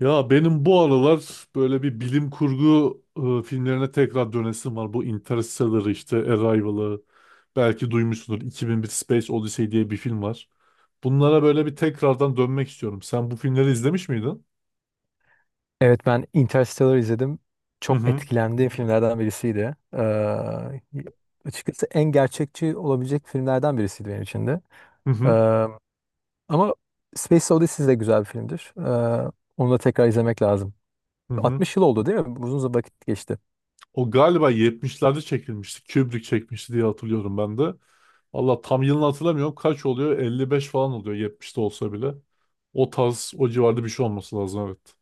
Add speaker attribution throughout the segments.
Speaker 1: Ya benim bu aralar böyle bir bilim kurgu filmlerine tekrar dönesim var. Bu Interstellar işte Arrival'ı belki duymuşsundur. 2001 Space Odyssey diye bir film var. Bunlara böyle bir tekrardan dönmek istiyorum. Sen bu filmleri izlemiş miydin?
Speaker 2: Evet, ben Interstellar izledim.
Speaker 1: Hı
Speaker 2: Çok
Speaker 1: hı.
Speaker 2: etkilendiğim filmlerden birisiydi. Açıkçası en gerçekçi olabilecek filmlerden birisiydi benim için de.
Speaker 1: Hı hı.
Speaker 2: Ee, Ama Space Odyssey de güzel bir filmdir. Onu da tekrar izlemek lazım.
Speaker 1: Hı hı.
Speaker 2: 60 yıl oldu değil mi? Uzun zaman, vakit geçti.
Speaker 1: O galiba 70'lerde çekilmişti. Kubrick çekmişti diye hatırlıyorum ben de. Allah tam yılını hatırlamıyorum. Kaç oluyor? 55 falan oluyor 70'te olsa bile. O tarz, o civarda bir şey olması lazım, evet.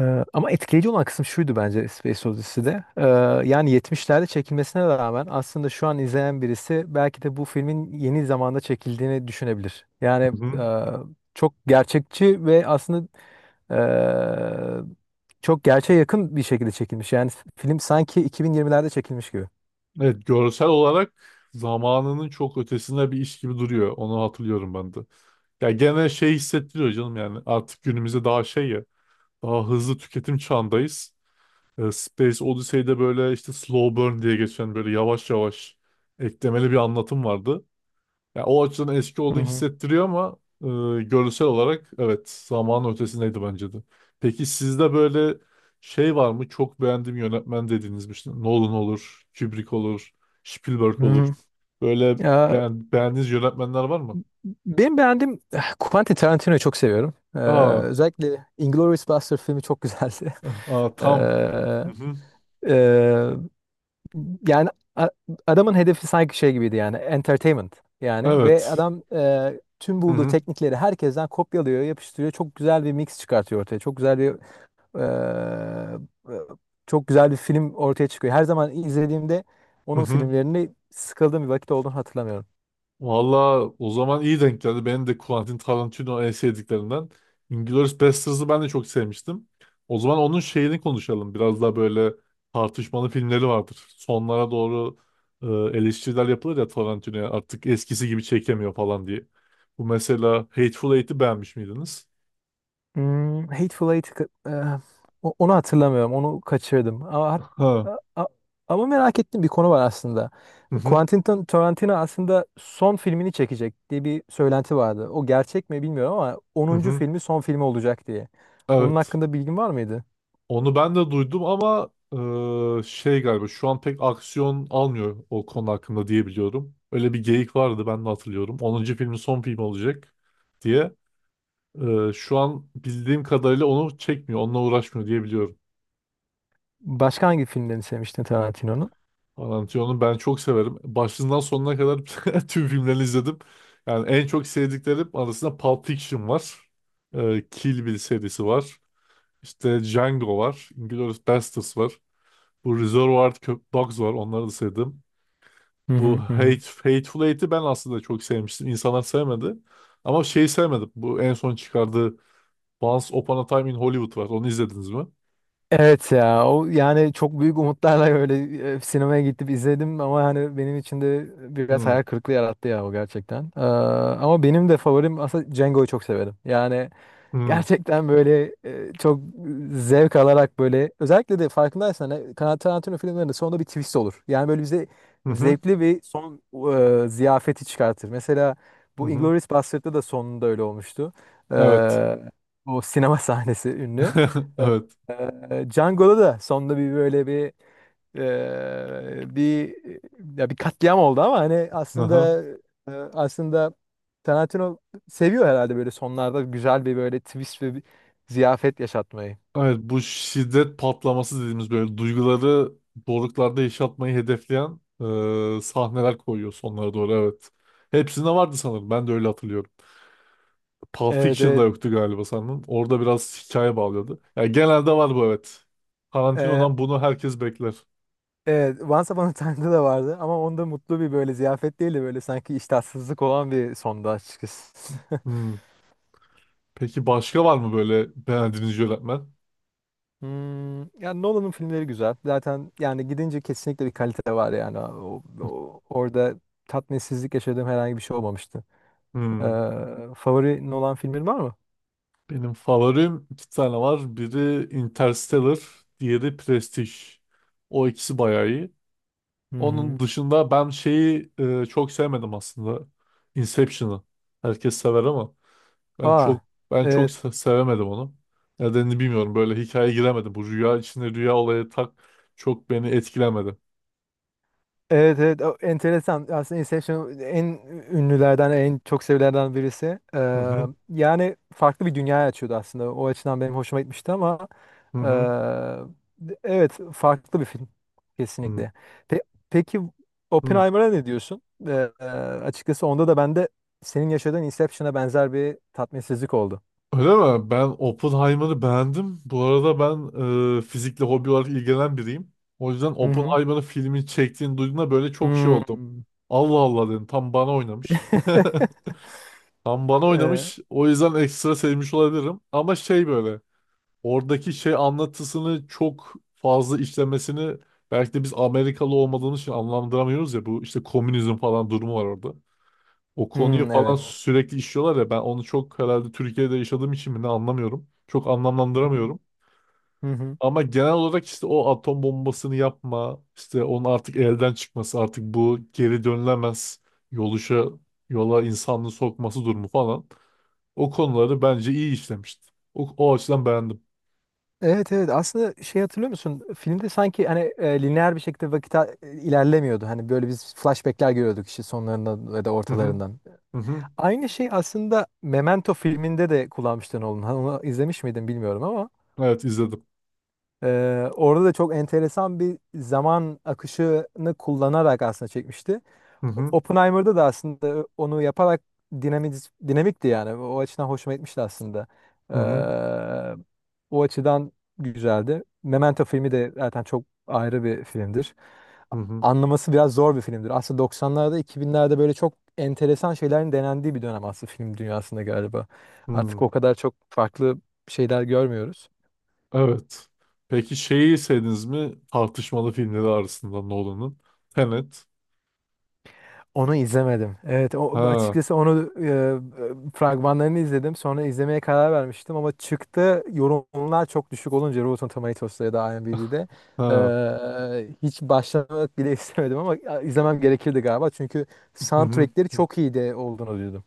Speaker 2: Ama etkileyici olan kısım şuydu bence Space Odyssey'de. Yani 70'lerde çekilmesine rağmen aslında şu an izleyen birisi belki de bu filmin yeni zamanda çekildiğini düşünebilir. Yani çok gerçekçi ve aslında e, çok gerçeğe yakın bir şekilde çekilmiş. Yani film sanki 2020'lerde çekilmiş gibi.
Speaker 1: Evet, görsel olarak zamanının çok ötesinde bir iş gibi duruyor. Onu hatırlıyorum ben de. Ya gene şey hissettiriyor canım, yani artık günümüzde daha şey ya, daha hızlı tüketim çağındayız. Space Odyssey'de böyle işte slow burn diye geçen böyle yavaş yavaş eklemeli bir anlatım vardı. Ya o açıdan eski
Speaker 2: Hı
Speaker 1: olduğunu
Speaker 2: hı.
Speaker 1: hissettiriyor ama görsel olarak evet zamanın ötesindeydi bence de. Peki sizde böyle şey var mı? Çok beğendiğim yönetmen dediğiniz bir şey. Nolan olur, Kubrick olur, Spielberg
Speaker 2: Hı
Speaker 1: olur.
Speaker 2: hı.
Speaker 1: Böyle
Speaker 2: Ee,
Speaker 1: beğendiğiniz yönetmenler var mı?
Speaker 2: Benim beğendiğim, Quentin Tarantino'yu çok seviyorum.
Speaker 1: Aa,
Speaker 2: Özellikle Inglourious Basterds filmi çok güzeldi.
Speaker 1: aa tam. Hı hı.
Speaker 2: Ee, Yani a- adamın hedefi sanki şey gibiydi, yani entertainment yani, ve
Speaker 1: Evet.
Speaker 2: adam tüm
Speaker 1: Hı
Speaker 2: bulduğu
Speaker 1: hı.
Speaker 2: teknikleri herkesten kopyalıyor, yapıştırıyor. Çok güzel bir mix çıkartıyor ortaya. E, e, Çok güzel bir film ortaya çıkıyor. Her zaman izlediğimde
Speaker 1: Hı
Speaker 2: onun
Speaker 1: hı.
Speaker 2: filmlerini sıkıldığım bir vakit olduğunu hatırlamıyorum.
Speaker 1: Valla o zaman iyi denk geldi. Benim de Quentin Tarantino en sevdiklerinden. Inglourious Basterds'ı ben de çok sevmiştim. O zaman onun şeyini konuşalım. Biraz daha böyle tartışmalı filmleri vardır. Sonlara doğru eleştiriler yapılır ya Tarantino'ya. Artık eskisi gibi çekemiyor falan diye. Bu mesela Hateful Eight'i beğenmiş miydiniz?
Speaker 2: Hmm. Hateful Eight'i ka- eh, o- Onu hatırlamıyorum. Onu kaçırdım. Ama, hat-
Speaker 1: Ha.
Speaker 2: a- a- ama merak ettiğim bir konu var aslında.
Speaker 1: Hı hı.
Speaker 2: Tarantino aslında son filmini çekecek diye bir söylenti vardı. O gerçek mi bilmiyorum ama
Speaker 1: Hı
Speaker 2: onuncu
Speaker 1: hı.
Speaker 2: filmi son filmi olacak diye. Onun
Speaker 1: Evet.
Speaker 2: hakkında bilgin var mıydı?
Speaker 1: Onu ben de duydum ama şey galiba şu an pek aksiyon almıyor o konu hakkında diye biliyorum. Öyle bir geyik vardı, ben de hatırlıyorum. Onuncu filmin son filmi olacak diye. E, şu an bildiğim kadarıyla onu çekmiyor, onunla uğraşmıyor diye biliyorum.
Speaker 2: Başka hangi filmlerini sevmiştin Tarantino'nun?
Speaker 1: Tarantino'nun ben çok severim. Başından sonuna kadar tüm filmlerini izledim. Yani en çok sevdiklerim arasında Pulp Fiction var. E, Kill Bill serisi var. İşte Django var. Inglourious Basterds var. Bu Reservoir Dogs var. Onları da sevdim.
Speaker 2: Hı
Speaker 1: Bu
Speaker 2: hı hı. Hı.
Speaker 1: Hateful Eight'i ben aslında çok sevmiştim. İnsanlar sevmedi. Ama şey sevmedim. Bu en son çıkardığı Once Upon a Time in Hollywood var. Onu izlediniz mi?
Speaker 2: Evet ya, o, yani çok büyük umutlarla öyle sinemaya gidip izledim ama hani benim için de biraz
Speaker 1: Hmm.
Speaker 2: hayal kırıklığı yarattı ya, o gerçekten. Ama benim de favorim aslında Django'yu çok severim. Yani
Speaker 1: Hmm.
Speaker 2: gerçekten böyle, çok zevk alarak, böyle özellikle de farkındaysan Tarantino filmlerinde sonunda bir twist olur. Yani böyle bize
Speaker 1: Hı hı.
Speaker 2: zevkli bir son ziyafeti çıkartır. Mesela
Speaker 1: Hı
Speaker 2: bu
Speaker 1: hı.
Speaker 2: Inglourious Basterds'da da sonunda öyle olmuştu. E,
Speaker 1: Evet.
Speaker 2: O sinema sahnesi ünlü.
Speaker 1: Evet.
Speaker 2: E, Django'da da sonunda bir böyle bir bir ya bir katliam oldu, ama hani
Speaker 1: Aha.
Speaker 2: aslında e, aslında Tarantino seviyor herhalde böyle sonlarda güzel bir böyle twist ve bir ziyafet yaşatmayı.
Speaker 1: Evet, bu şiddet patlaması dediğimiz böyle duyguları doruklarda yaşatmayı hedefleyen sahneler koyuyor sonlara doğru, evet. Hepsinde vardı sanırım. Ben de öyle hatırlıyorum. Pulp
Speaker 2: Evet,
Speaker 1: Fiction'da
Speaker 2: evet.
Speaker 1: yoktu galiba sanırım. Orada biraz hikaye bağlıyordu. Yani genelde var bu, evet.
Speaker 2: Eee,
Speaker 1: Tarantino'dan bunu herkes bekler.
Speaker 2: evet, Once Upon a Time'da da vardı ama onda mutlu bir böyle ziyafet değil de böyle sanki iştahsızlık olan bir sondu açıkçası.
Speaker 1: Hmm. Peki başka var mı böyle beğendiğiniz yönetmen?
Speaker 2: Yani Nolan'ın filmleri güzel. Zaten yani, gidince kesinlikle bir kalite var yani. Orada tatminsizlik yaşadığım herhangi bir şey olmamıştı. Ee,
Speaker 1: Hmm.
Speaker 2: Favorin olan filmin var mı?
Speaker 1: Benim favorim iki tane var. Biri Interstellar, diğeri Prestige. O ikisi bayağı iyi.
Speaker 2: Hı
Speaker 1: Onun
Speaker 2: hı.
Speaker 1: dışında ben şeyi çok sevmedim aslında. Inception'ı. Herkes sever ama. Ben çok
Speaker 2: Aa,
Speaker 1: ben çok
Speaker 2: evet.
Speaker 1: se- sevemedim onu. Nedenini bilmiyorum. Böyle hikayeye giremedim. Bu rüya içinde rüya olayı tak çok beni etkilemedi.
Speaker 2: Evet, evet. O enteresan. Aslında Inception en ünlülerden, en çok sevilenlerden birisi.
Speaker 1: Hı hı
Speaker 2: Yani farklı bir dünya açıyordu aslında. O açıdan benim hoşuma gitmişti ama
Speaker 1: hı hı.
Speaker 2: evet, farklı bir film
Speaker 1: hı
Speaker 2: kesinlikle. Pe- peki
Speaker 1: hı.
Speaker 2: Oppenheimer'a ne diyorsun? Açıkçası onda da bende senin yaşadığın Inception'a benzer bir tatminsizlik oldu.
Speaker 1: Öyle mi? Ben Oppenheimer'ı beğendim. Bu arada ben fizikle hobi olarak ilgilenen biriyim. O yüzden
Speaker 2: Hı hı.
Speaker 1: Oppenheimer'ın filmini çektiğini duyduğumda böyle çok şey oldum.
Speaker 2: Hmm.
Speaker 1: Allah Allah dedim. Tam bana oynamış. Tam bana oynamış. O yüzden ekstra sevmiş olabilirim. Ama şey böyle, oradaki şey anlatısını çok fazla işlemesini, belki de biz Amerikalı olmadığımız için anlamlandıramıyoruz ya, bu işte komünizm falan durumu var orada. O konuyu
Speaker 2: Hmm,
Speaker 1: falan
Speaker 2: evet.
Speaker 1: sürekli işliyorlar ya, ben onu çok herhalde Türkiye'de yaşadığım için mi ne anlamıyorum. Çok
Speaker 2: Hı hı.
Speaker 1: anlamlandıramıyorum.
Speaker 2: Hı hı.
Speaker 1: Ama genel olarak işte o atom bombasını yapma, işte onun artık elden çıkması, artık bu geri dönülemez yoluşa, yola insanlığı sokması durumu falan. O konuları bence iyi işlemişti. O, o açıdan beğendim.
Speaker 2: Evet, evet. Aslında, şey, hatırlıyor musun? Filmde sanki hani lineer bir şekilde vakit ilerlemiyordu. Hani böyle biz flashbackler görüyorduk işte, sonlarından ya da
Speaker 1: Hı hı.
Speaker 2: ortalarından.
Speaker 1: Hı hı.
Speaker 2: Aynı şey aslında Memento filminde de kullanmıştı Nolan. Hani onu izlemiş miydin bilmiyorum ama.
Speaker 1: Evet, izledim.
Speaker 2: Orada da çok enteresan bir zaman akışını kullanarak aslında çekmişti.
Speaker 1: Hı hı.
Speaker 2: Oppenheimer'da da aslında onu yaparak dinamik, dinamikti yani. O açıdan hoşuma gitmişti aslında.
Speaker 1: Hı hı.
Speaker 2: Ee, O açıdan güzeldi. Memento filmi de zaten çok ayrı bir filmdir.
Speaker 1: Hı hı.
Speaker 2: Anlaması biraz zor bir filmdir. Aslında 90'larda, 2000'lerde böyle çok enteresan şeylerin denendiği bir dönem aslında film dünyasında galiba. Artık
Speaker 1: Hı.
Speaker 2: o kadar çok farklı şeyler görmüyoruz.
Speaker 1: Evet. Peki şeyi izlediniz mi? Tartışmalı filmleri arasında Nolan'ın. Tenet.
Speaker 2: Onu izlemedim. Evet, o,
Speaker 1: Ha,
Speaker 2: açıkçası onu fragmanlarını izledim. Sonra izlemeye karar vermiştim ama çıktı, yorumlar çok düşük olunca Rotten Tomatoes'ta ya da IMDb'de,
Speaker 1: ha.
Speaker 2: hiç başlamak bile istemedim, ama izlemem gerekirdi galiba. Çünkü
Speaker 1: Hı hı.
Speaker 2: soundtrackleri çok iyi de olduğunu duydum.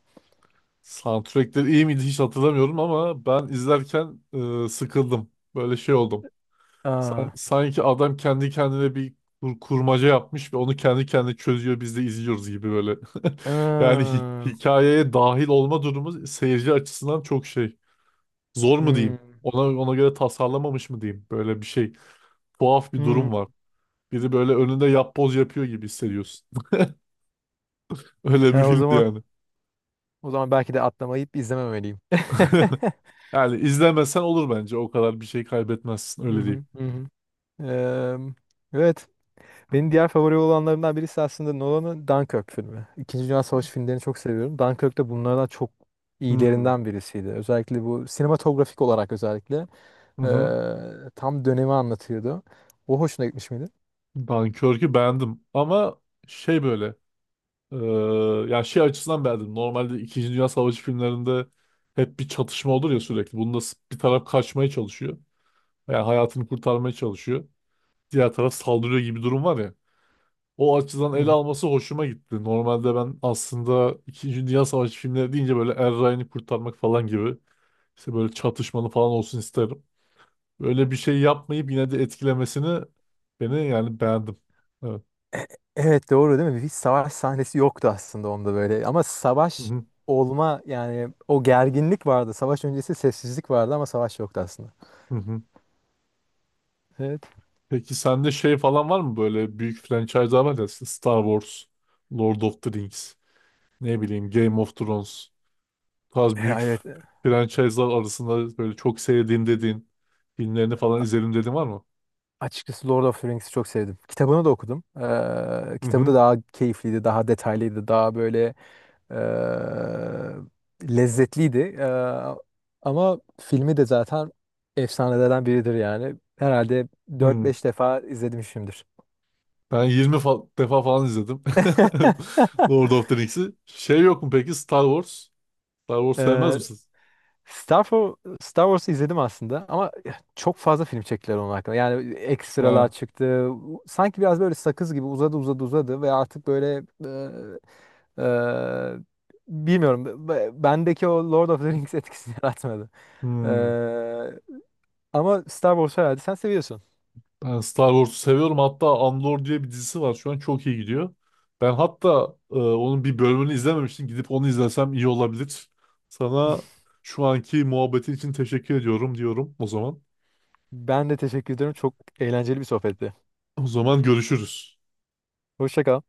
Speaker 1: Soundtrackleri iyi miydi hiç hatırlamıyorum ama ben izlerken sıkıldım. Böyle şey oldum.
Speaker 2: Aa.
Speaker 1: Sanki adam kendi kendine bir kurmaca yapmış ve onu kendi kendine çözüyor, biz de izliyoruz gibi böyle. Yani
Speaker 2: Aa.
Speaker 1: hikayeye dahil olma durumu seyirci açısından çok şey. Zor mu
Speaker 2: Hmm.
Speaker 1: diyeyim? Ona göre tasarlamamış mı diyeyim? Böyle bir şey. Tuhaf bir
Speaker 2: Hmm.
Speaker 1: durum var. Biri böyle önünde yapboz yapıyor gibi hissediyorsun. Öyle
Speaker 2: E,
Speaker 1: bir
Speaker 2: o
Speaker 1: filmdi
Speaker 2: zaman
Speaker 1: yani.
Speaker 2: o zaman belki de atlamayıp izlememeliyim.
Speaker 1: Yani izlemesen olur bence. O kadar bir şey kaybetmezsin.
Speaker 2: Hı
Speaker 1: Öyle
Speaker 2: hı.
Speaker 1: diyeyim.
Speaker 2: Hı hı. Eee, evet. Benim diğer favori olanlarımdan birisi aslında Nolan'ın Dunkirk filmi. İkinci Dünya Savaşı filmlerini çok seviyorum. Dunkirk de bunlardan çok
Speaker 1: Hmm.
Speaker 2: iyilerinden birisiydi. Özellikle bu sinematografik olarak, özellikle
Speaker 1: Hı hı.
Speaker 2: tam dönemi anlatıyordu. O hoşuna gitmiş miydi?
Speaker 1: Dunkirk'ü beğendim. Ama şey böyle, eee, yani şey açısından beğendim. Normalde İkinci Dünya Savaşı filmlerinde hep bir çatışma olur ya sürekli. Bunda bir taraf kaçmaya çalışıyor. Yani hayatını kurtarmaya çalışıyor. Diğer taraf saldırıyor gibi durum var ya, o açıdan
Speaker 2: Hı
Speaker 1: ele
Speaker 2: hı.
Speaker 1: alması hoşuma gitti. Normalde ben aslında İkinci Dünya Savaşı filmleri deyince böyle Er Ryan'ı kurtarmak falan gibi işte böyle çatışmalı falan olsun isterim. Böyle bir şey yapmayıp yine de etkilemesini beni, yani beğendim. Evet.
Speaker 2: Evet, doğru değil mi? Hiç savaş sahnesi yoktu aslında onda böyle. Ama
Speaker 1: Hı
Speaker 2: savaş
Speaker 1: hı,
Speaker 2: olma, yani o gerginlik vardı. Savaş öncesi sessizlik vardı ama savaş yoktu aslında.
Speaker 1: hı hı.
Speaker 2: Evet.
Speaker 1: Peki sende şey falan var mı, böyle büyük franchise'lar var ya işte Star Wars, Lord of the Rings, ne bileyim Game of Thrones. Bu tarz büyük
Speaker 2: Evet.
Speaker 1: franchise'lar arasında böyle çok sevdiğim dediğin filmlerini falan izledim dediğin var mı?
Speaker 2: Açıkçası Lord of the Rings'i çok sevdim. Kitabını da okudum.
Speaker 1: Hı
Speaker 2: Kitabı
Speaker 1: hı.
Speaker 2: da daha keyifliydi, daha detaylıydı, daha böyle lezzetliydi. Ama filmi de zaten efsanelerden biridir yani. Herhalde dört
Speaker 1: Hı.
Speaker 2: beş defa izlemişimdir.
Speaker 1: Ben 20 defa falan izledim. Lord of the Rings'i. Şey yok mu peki Star Wars? Star Wars sevmez
Speaker 2: Ee,
Speaker 1: misiniz?
Speaker 2: Star Wars'u izledim aslında ama çok fazla film çektiler onun hakkında. Yani ekstralar
Speaker 1: Ha.
Speaker 2: çıktı. Sanki biraz böyle sakız gibi uzadı, uzadı, uzadı ve artık böyle Eee, bilmiyorum. Bendeki o Lord of the Rings etkisini yaratmadı.
Speaker 1: Hmm.
Speaker 2: Eee, Ama Star Wars herhalde sen seviyorsun.
Speaker 1: Ben Star Wars'u seviyorum. Hatta Andor diye bir dizisi var. Şu an çok iyi gidiyor. Ben hatta onun bir bölümünü izlememiştim. Gidip onu izlesem iyi olabilir. Sana şu anki muhabbetin için teşekkür ediyorum diyorum o zaman.
Speaker 2: Ben de teşekkür ederim. Çok eğlenceli bir sohbetti.
Speaker 1: O zaman görüşürüz.
Speaker 2: Hoşça kal.